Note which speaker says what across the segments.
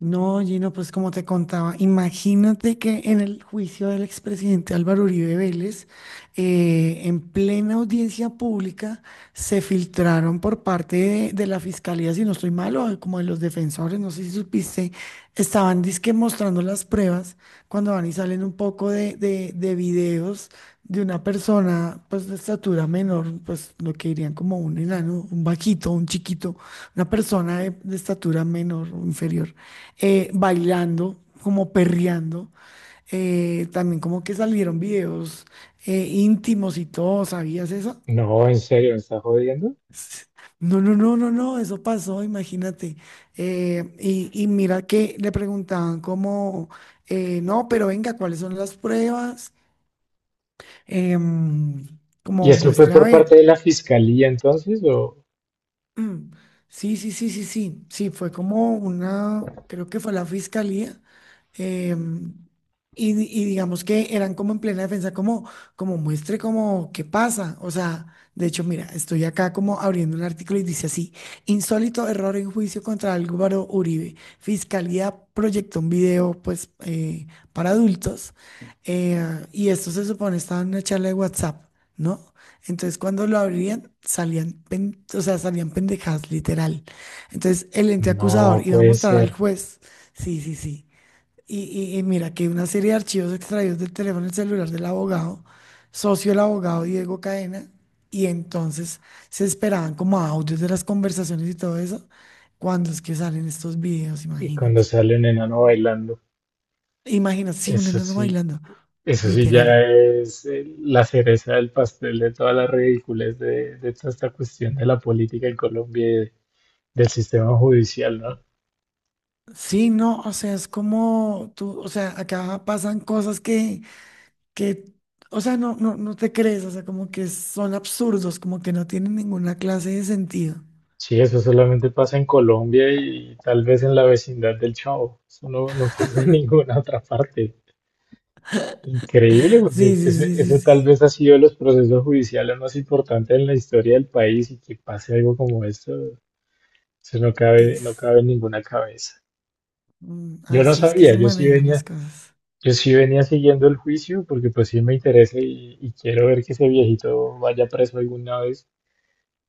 Speaker 1: No, Gino, pues como te contaba, imagínate que en el juicio del expresidente Álvaro Uribe Vélez, en plena audiencia pública, se filtraron por parte de la fiscalía, si no estoy mal, o como de los defensores, no sé si supiste, estaban dizque mostrando las pruebas cuando van y salen un poco de videos de una persona, pues de estatura menor, pues lo que dirían como un enano, un vaquito, un chiquito, una persona de estatura menor o inferior bailando, como perreando. También como que salieron videos íntimos y todo, ¿sabías eso?
Speaker 2: No, en serio, ¿me está jodiendo?
Speaker 1: S- No, no, no, no, no, eso pasó, imagínate. Y mira que le preguntaban como, no, pero venga, ¿cuáles son las pruebas? Em,
Speaker 2: ¿Y sí,
Speaker 1: Como
Speaker 2: eso fue sí,
Speaker 1: muestre a
Speaker 2: por
Speaker 1: ver.
Speaker 2: parte de la fiscalía entonces? ¿O
Speaker 1: Mm, sí, sí, sí, sí, sí, sí, fue como una, creo que fue la fiscalía, em, y, digamos que eran como en plena defensa, como, como muestre como qué pasa. O sea, de hecho, mira, estoy acá como abriendo un artículo y dice así: insólito error en juicio contra Álvaro Uribe, fiscalía proyectó un video, pues, para adultos, y esto se supone estaba en una charla de WhatsApp, ¿no? Entonces, cuando lo abrían, salían, o sea, salían pendejadas, literal. Entonces, el ente
Speaker 2: no
Speaker 1: acusador iba a
Speaker 2: puede
Speaker 1: mostrar al
Speaker 2: ser?
Speaker 1: juez. Sí, sí, sí. Y, y mira que una serie de archivos extraídos del teléfono y celular del abogado, socio del abogado Diego Cadena, y entonces se esperaban como audios de las conversaciones y todo eso, cuando es que salen estos videos,
Speaker 2: Y cuando
Speaker 1: imagínate.
Speaker 2: sale un enano bailando,
Speaker 1: Imagínate, sí, un
Speaker 2: eso
Speaker 1: enano
Speaker 2: sí,
Speaker 1: bailando,
Speaker 2: eso sí
Speaker 1: literal.
Speaker 2: ya es la cereza del pastel de todas las ridiculez de toda esta cuestión de la política en Colombia y de- del sistema judicial, ¿no?
Speaker 1: Sí, no, o sea, es como tú, o sea, acá pasan cosas que, o sea, no, no, no te crees, o sea, como que son absurdos, como que no tienen ninguna clase de sentido.
Speaker 2: Sí, eso solamente pasa en Colombia y tal vez en la vecindad del Chavo. Eso no, no pasa en ninguna otra parte. Increíble,
Speaker 1: Sí,
Speaker 2: porque
Speaker 1: sí,
Speaker 2: ese,
Speaker 1: sí, sí,
Speaker 2: ese tal
Speaker 1: sí.
Speaker 2: vez ha sido de los procesos judiciales más importantes en la historia del país y que pase algo como esto, eso no cabe, no
Speaker 1: Es,
Speaker 2: cabe en ninguna cabeza.
Speaker 1: mm,
Speaker 2: Yo no
Speaker 1: así es que
Speaker 2: sabía,
Speaker 1: se manejan las cosas.
Speaker 2: yo sí venía siguiendo el juicio porque pues sí me interesa y quiero ver que ese viejito vaya preso alguna vez,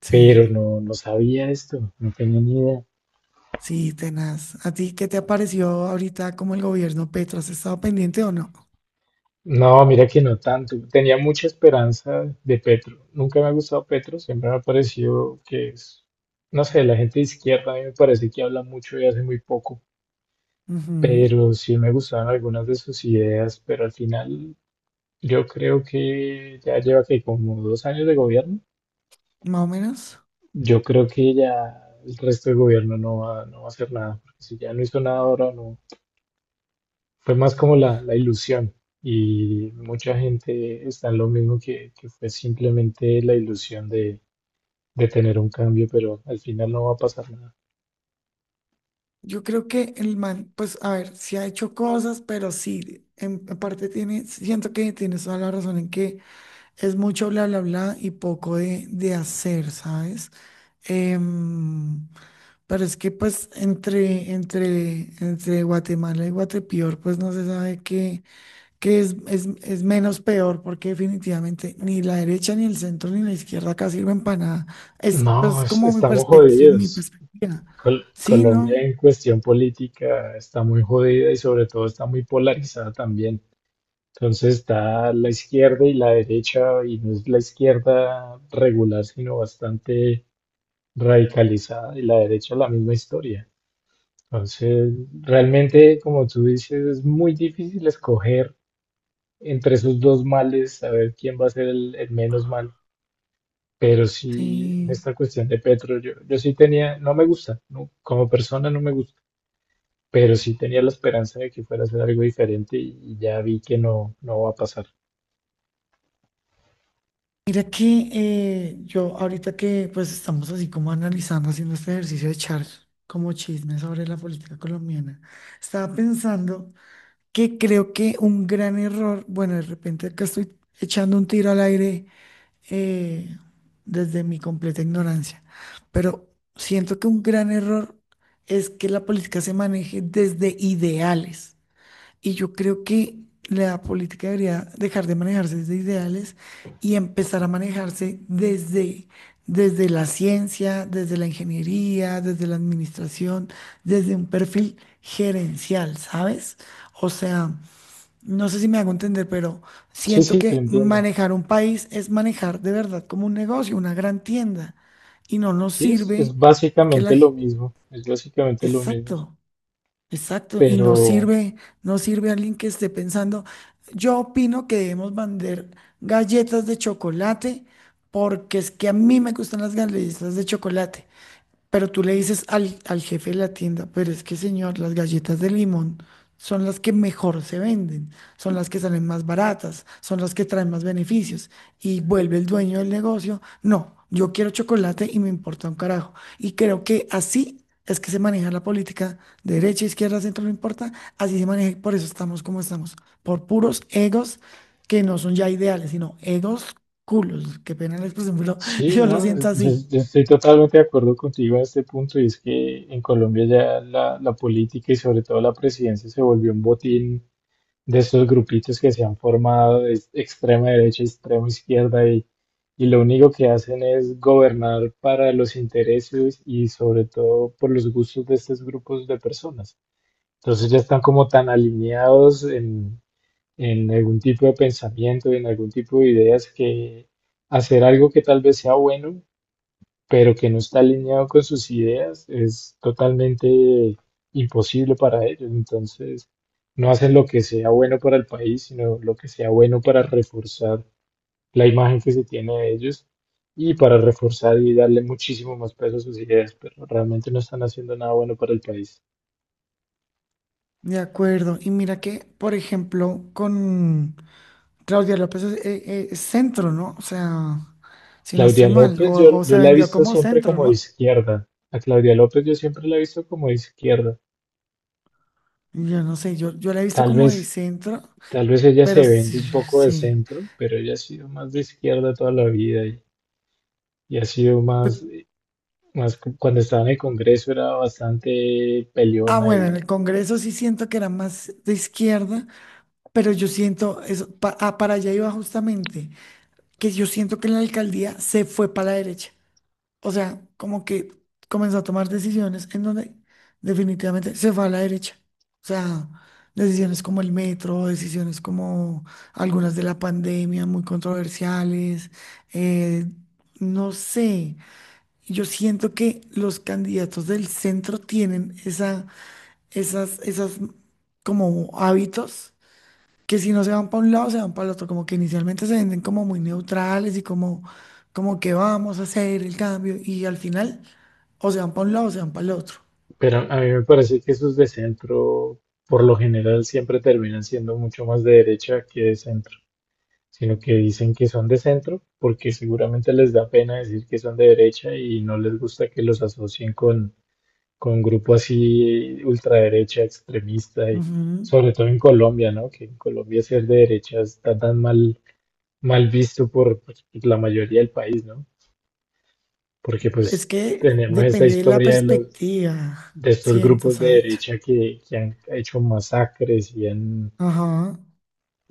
Speaker 1: Sí,
Speaker 2: pero no, no sabía esto, no tenía ni idea.
Speaker 1: sí, tenaz. ¿A ti qué te ha parecido ahorita como el gobierno Petro? ¿Has estado pendiente o no?
Speaker 2: No, mira que no tanto. Tenía mucha esperanza de Petro. Nunca me ha gustado Petro, siempre me ha parecido que es, no sé, la gente de izquierda a mí me parece que habla mucho y hace muy poco,
Speaker 1: Ujú,
Speaker 2: pero sí me gustaban algunas de sus ideas, pero al final yo creo que ya lleva que como 2 años de gobierno,
Speaker 1: más o menos.
Speaker 2: yo creo que ya el resto del gobierno no va, no va a hacer nada, porque si ya no hizo nada ahora, no, fue más como la ilusión y mucha gente está en lo mismo que fue simplemente la ilusión de tener un cambio, pero al final no va a pasar nada.
Speaker 1: Yo creo que el man, pues, a ver, sí ha hecho cosas, pero sí, en parte tiene, siento que tienes toda la razón en que es mucho bla, bla, bla y poco de hacer, ¿sabes? Em, pero es que pues entre Guatemala y Guatepeor, pues no se sabe qué, qué es menos peor, porque definitivamente ni la derecha, ni el centro, ni la izquierda acá sirven para nada. Es
Speaker 2: No,
Speaker 1: pues
Speaker 2: es-
Speaker 1: como mi
Speaker 2: estamos
Speaker 1: perspectiva, mi
Speaker 2: jodidos.
Speaker 1: perspectiva.
Speaker 2: Col-
Speaker 1: Sí,
Speaker 2: Colombia
Speaker 1: ¿no?
Speaker 2: en cuestión política está muy jodida y sobre todo está muy polarizada también. Entonces está la izquierda y la derecha, y no es la izquierda regular, sino bastante radicalizada, y la derecha la misma historia. Entonces, realmente, como tú dices, es muy difícil escoger entre esos dos males, saber quién va a ser el menos mal. Pero sí, en
Speaker 1: Sí.
Speaker 2: esta cuestión de Petro, yo sí tenía, no me gusta, no, como persona no me gusta, pero sí tenía la esperanza de que fuera a ser algo diferente y ya vi que no, no va a pasar.
Speaker 1: Mira que yo ahorita que pues estamos así como analizando, haciendo este ejercicio de echar como chisme sobre la política colombiana, estaba pensando que creo que un gran error, bueno, de repente acá estoy echando un tiro al aire, eh, desde mi completa ignorancia, pero siento que un gran error es que la política se maneje desde ideales. Y yo creo que la política debería dejar de manejarse desde ideales y empezar a manejarse desde la ciencia, desde la ingeniería, desde la administración, desde un perfil gerencial, ¿sabes? O sea, no sé si me hago entender, pero
Speaker 2: Sí,
Speaker 1: siento
Speaker 2: sí, te
Speaker 1: que
Speaker 2: entiendo.
Speaker 1: manejar un país es manejar de verdad como un negocio, una gran tienda, y no nos
Speaker 2: Sí,
Speaker 1: sirve
Speaker 2: es
Speaker 1: que la...
Speaker 2: básicamente lo mismo, es básicamente lo mismo,
Speaker 1: Exacto. Exacto, y no
Speaker 2: pero...
Speaker 1: sirve, no sirve alguien que esté pensando. Yo opino que debemos vender galletas de chocolate porque es que a mí me gustan las galletas de chocolate. Pero tú le dices al jefe de la tienda, pero es que señor, las galletas de limón son las que mejor se venden, son las que salen más baratas, son las que traen más beneficios. Y vuelve el dueño del negocio, no, yo quiero chocolate y me importa un carajo. Y creo que así es que se maneja la política, de derecha, izquierda, centro, no importa, así se maneja y por eso estamos como estamos, por puros egos que no son ya ideales, sino egos culos, qué pena la expresión, pero
Speaker 2: Sí,
Speaker 1: yo lo
Speaker 2: no,
Speaker 1: siento así.
Speaker 2: yo estoy totalmente de acuerdo contigo en este punto y es que en Colombia ya la política y sobre todo la presidencia se volvió un botín de estos grupitos que se han formado de extrema derecha, extrema izquierda y lo único que hacen es gobernar para los intereses y sobre todo por los gustos de estos grupos de personas. Entonces ya están como tan alineados en algún tipo de pensamiento y en algún tipo de ideas que hacer algo que tal vez sea bueno pero que no está alineado con sus ideas, es totalmente imposible para ellos. Entonces, no hacen lo que sea bueno para el país, sino lo que sea bueno para reforzar la imagen que se tiene de ellos y para reforzar y darle muchísimo más peso a sus ideas, pero realmente no están haciendo nada bueno para el país.
Speaker 1: De acuerdo. Y mira que, por ejemplo, con Claudia López es, centro, ¿no? O sea, si no
Speaker 2: Claudia
Speaker 1: estoy mal,
Speaker 2: López,
Speaker 1: o
Speaker 2: yo
Speaker 1: se
Speaker 2: la he
Speaker 1: vendió
Speaker 2: visto
Speaker 1: como
Speaker 2: siempre
Speaker 1: centro,
Speaker 2: como de
Speaker 1: ¿no?
Speaker 2: izquierda. A Claudia López yo siempre la he visto como de izquierda.
Speaker 1: Yo no sé, yo la he visto
Speaker 2: Tal
Speaker 1: como de
Speaker 2: vez
Speaker 1: centro,
Speaker 2: Tal vez ella
Speaker 1: pero
Speaker 2: se
Speaker 1: sí,
Speaker 2: vende un poco de
Speaker 1: sí.
Speaker 2: centro, pero ella ha sido más de izquierda toda la vida y ha sido más,
Speaker 1: Pe-
Speaker 2: más, cu- cuando estaba en el Congreso era bastante
Speaker 1: Ah,
Speaker 2: peleona
Speaker 1: bueno, en
Speaker 2: y,
Speaker 1: el Congreso sí siento que era más de izquierda, pero yo siento, eso, para allá iba justamente, que yo siento que la alcaldía se fue para la derecha. O sea, como que comenzó a tomar decisiones en donde definitivamente se fue a la derecha. O sea, decisiones como el metro, decisiones como algunas de la pandemia, muy controversiales. eh, no sé. Yo siento que los candidatos del centro tienen esa, esas como hábitos que si no se van para un lado, se van para el otro, como que inicialmente se venden como muy neutrales y como, como que vamos a hacer el cambio y al final o se van para un lado o se van para el otro.
Speaker 2: pero a mí me parece que esos de centro, por lo general, siempre terminan siendo mucho más de derecha que de centro, sino que dicen que son de centro porque seguramente les da pena decir que son de derecha y no les gusta que los asocien con grupo así ultraderecha, extremista, y
Speaker 1: Ujú.
Speaker 2: sobre todo en Colombia, ¿no? Que en Colombia ser de derecha está tan mal, mal visto por pues, la mayoría del país, ¿no? Porque
Speaker 1: Es
Speaker 2: pues
Speaker 1: que
Speaker 2: tenemos esta
Speaker 1: depende de la
Speaker 2: historia de los,
Speaker 1: perspectiva,
Speaker 2: de estos
Speaker 1: siento,
Speaker 2: grupos de
Speaker 1: ¿sabes?
Speaker 2: derecha que han hecho masacres y han
Speaker 1: Ajá,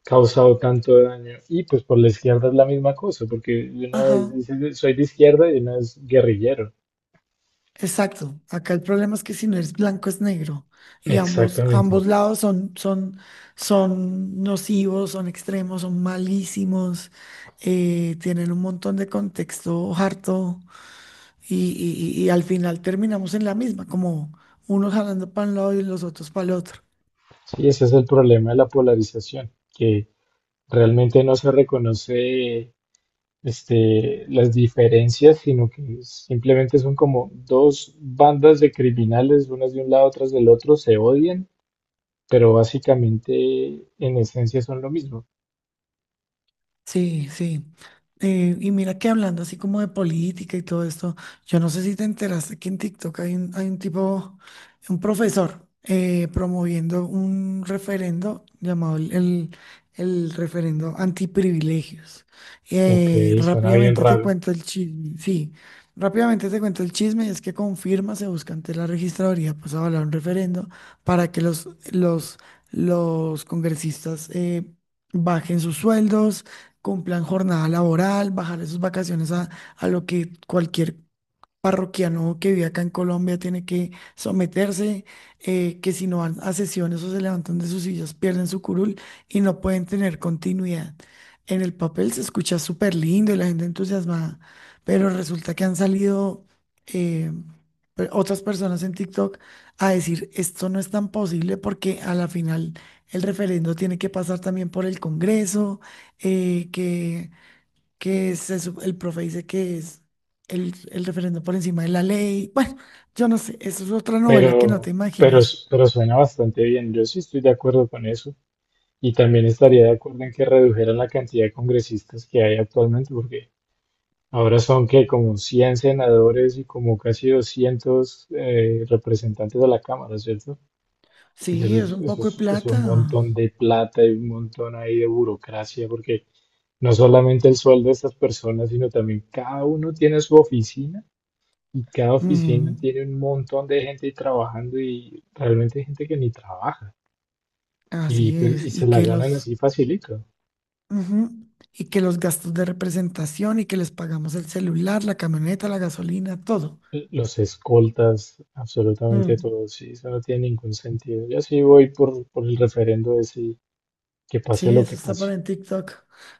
Speaker 2: causado tanto daño. Y pues por la izquierda es la misma cosa, porque de una
Speaker 1: ajá,
Speaker 2: vez dices soy de izquierda y de una vez guerrillero.
Speaker 1: exacto. Acá el problema es que si no es blanco es negro y ambos, ambos
Speaker 2: Exactamente.
Speaker 1: lados son nocivos, son extremos, son malísimos, tienen un montón de contexto harto y, y al final terminamos en la misma, como unos jalando para un lado y los otros para el otro.
Speaker 2: Sí, ese es el problema de la polarización, que realmente no se reconoce este, las diferencias, sino que simplemente son como dos bandas de criminales, unas de un lado, otras del otro, se odian, pero básicamente en esencia son lo mismo.
Speaker 1: Sí, sí. Y mira que hablando así como de política y todo esto, yo no sé si te enteraste que en TikTok hay un tipo, un profesor, promoviendo un referendo llamado el referendo antiprivilegios.
Speaker 2: Ok, suena bien
Speaker 1: Rápidamente te
Speaker 2: raro,
Speaker 1: cuento el chisme, sí, rápidamente te cuento el chisme, es que confirma, se busca ante la registraduría, pues avalar un referendo para que los congresistas bajen sus sueldos, cumplan jornada laboral, bajarle sus vacaciones a lo que cualquier parroquiano que vive acá en Colombia tiene que someterse, que si no van a sesiones o se levantan de sus sillas, pierden su curul y no pueden tener continuidad. En el papel se escucha súper lindo y la gente entusiasmada, pero resulta que han salido eh, otras personas en TikTok a decir esto no es tan posible porque a la final el referendo tiene que pasar también por el Congreso, eh, que que es eso, el profe dice que es el referendo por encima de la ley. Bueno, yo no sé, eso es otra novela que no
Speaker 2: pero,
Speaker 1: te
Speaker 2: pero,
Speaker 1: imaginas.
Speaker 2: pero suena bastante bien. Yo sí estoy de acuerdo con eso. Y también estaría de acuerdo en que redujeran la cantidad de congresistas que hay actualmente, porque ahora son que como 100 senadores y como casi 200 representantes de la Cámara, ¿cierto? Y
Speaker 1: Sí, es un
Speaker 2: eso
Speaker 1: poco de
Speaker 2: es un
Speaker 1: plata.
Speaker 2: montón de plata y un montón ahí de burocracia, porque no solamente el sueldo de estas personas, sino también cada uno tiene su oficina y cada oficina
Speaker 1: Ujú,
Speaker 2: tiene un montón de gente ahí trabajando y realmente hay gente que ni trabaja y,
Speaker 1: así
Speaker 2: pues, y
Speaker 1: es,
Speaker 2: se
Speaker 1: y
Speaker 2: la
Speaker 1: que
Speaker 2: ganan
Speaker 1: los,
Speaker 2: así facilito.
Speaker 1: ujú, y que los gastos de representación y que les pagamos el celular, la camioneta, la gasolina, todo.
Speaker 2: Los escoltas, absolutamente
Speaker 1: Mm,
Speaker 2: todos, sí, eso no tiene ningún sentido. Yo sí voy por el referendo de sí, que
Speaker 1: sí,
Speaker 2: pase lo
Speaker 1: eso
Speaker 2: que
Speaker 1: está por
Speaker 2: pase.
Speaker 1: en TikTok.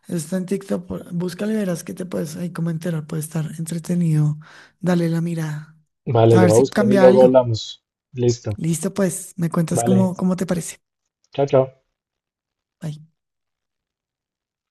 Speaker 1: Eso está en TikTok. Búscalo y verás que te puedes ahí como enterar, puede estar entretenido. Dale la mirada.
Speaker 2: Vale,
Speaker 1: A
Speaker 2: lo
Speaker 1: ver
Speaker 2: voy a
Speaker 1: si
Speaker 2: buscar y
Speaker 1: cambia
Speaker 2: luego
Speaker 1: algo.
Speaker 2: hablamos. Listo.
Speaker 1: Listo, pues, me cuentas
Speaker 2: Vale.
Speaker 1: cómo, cómo te parece.
Speaker 2: Chao, chao.
Speaker 1: Bye.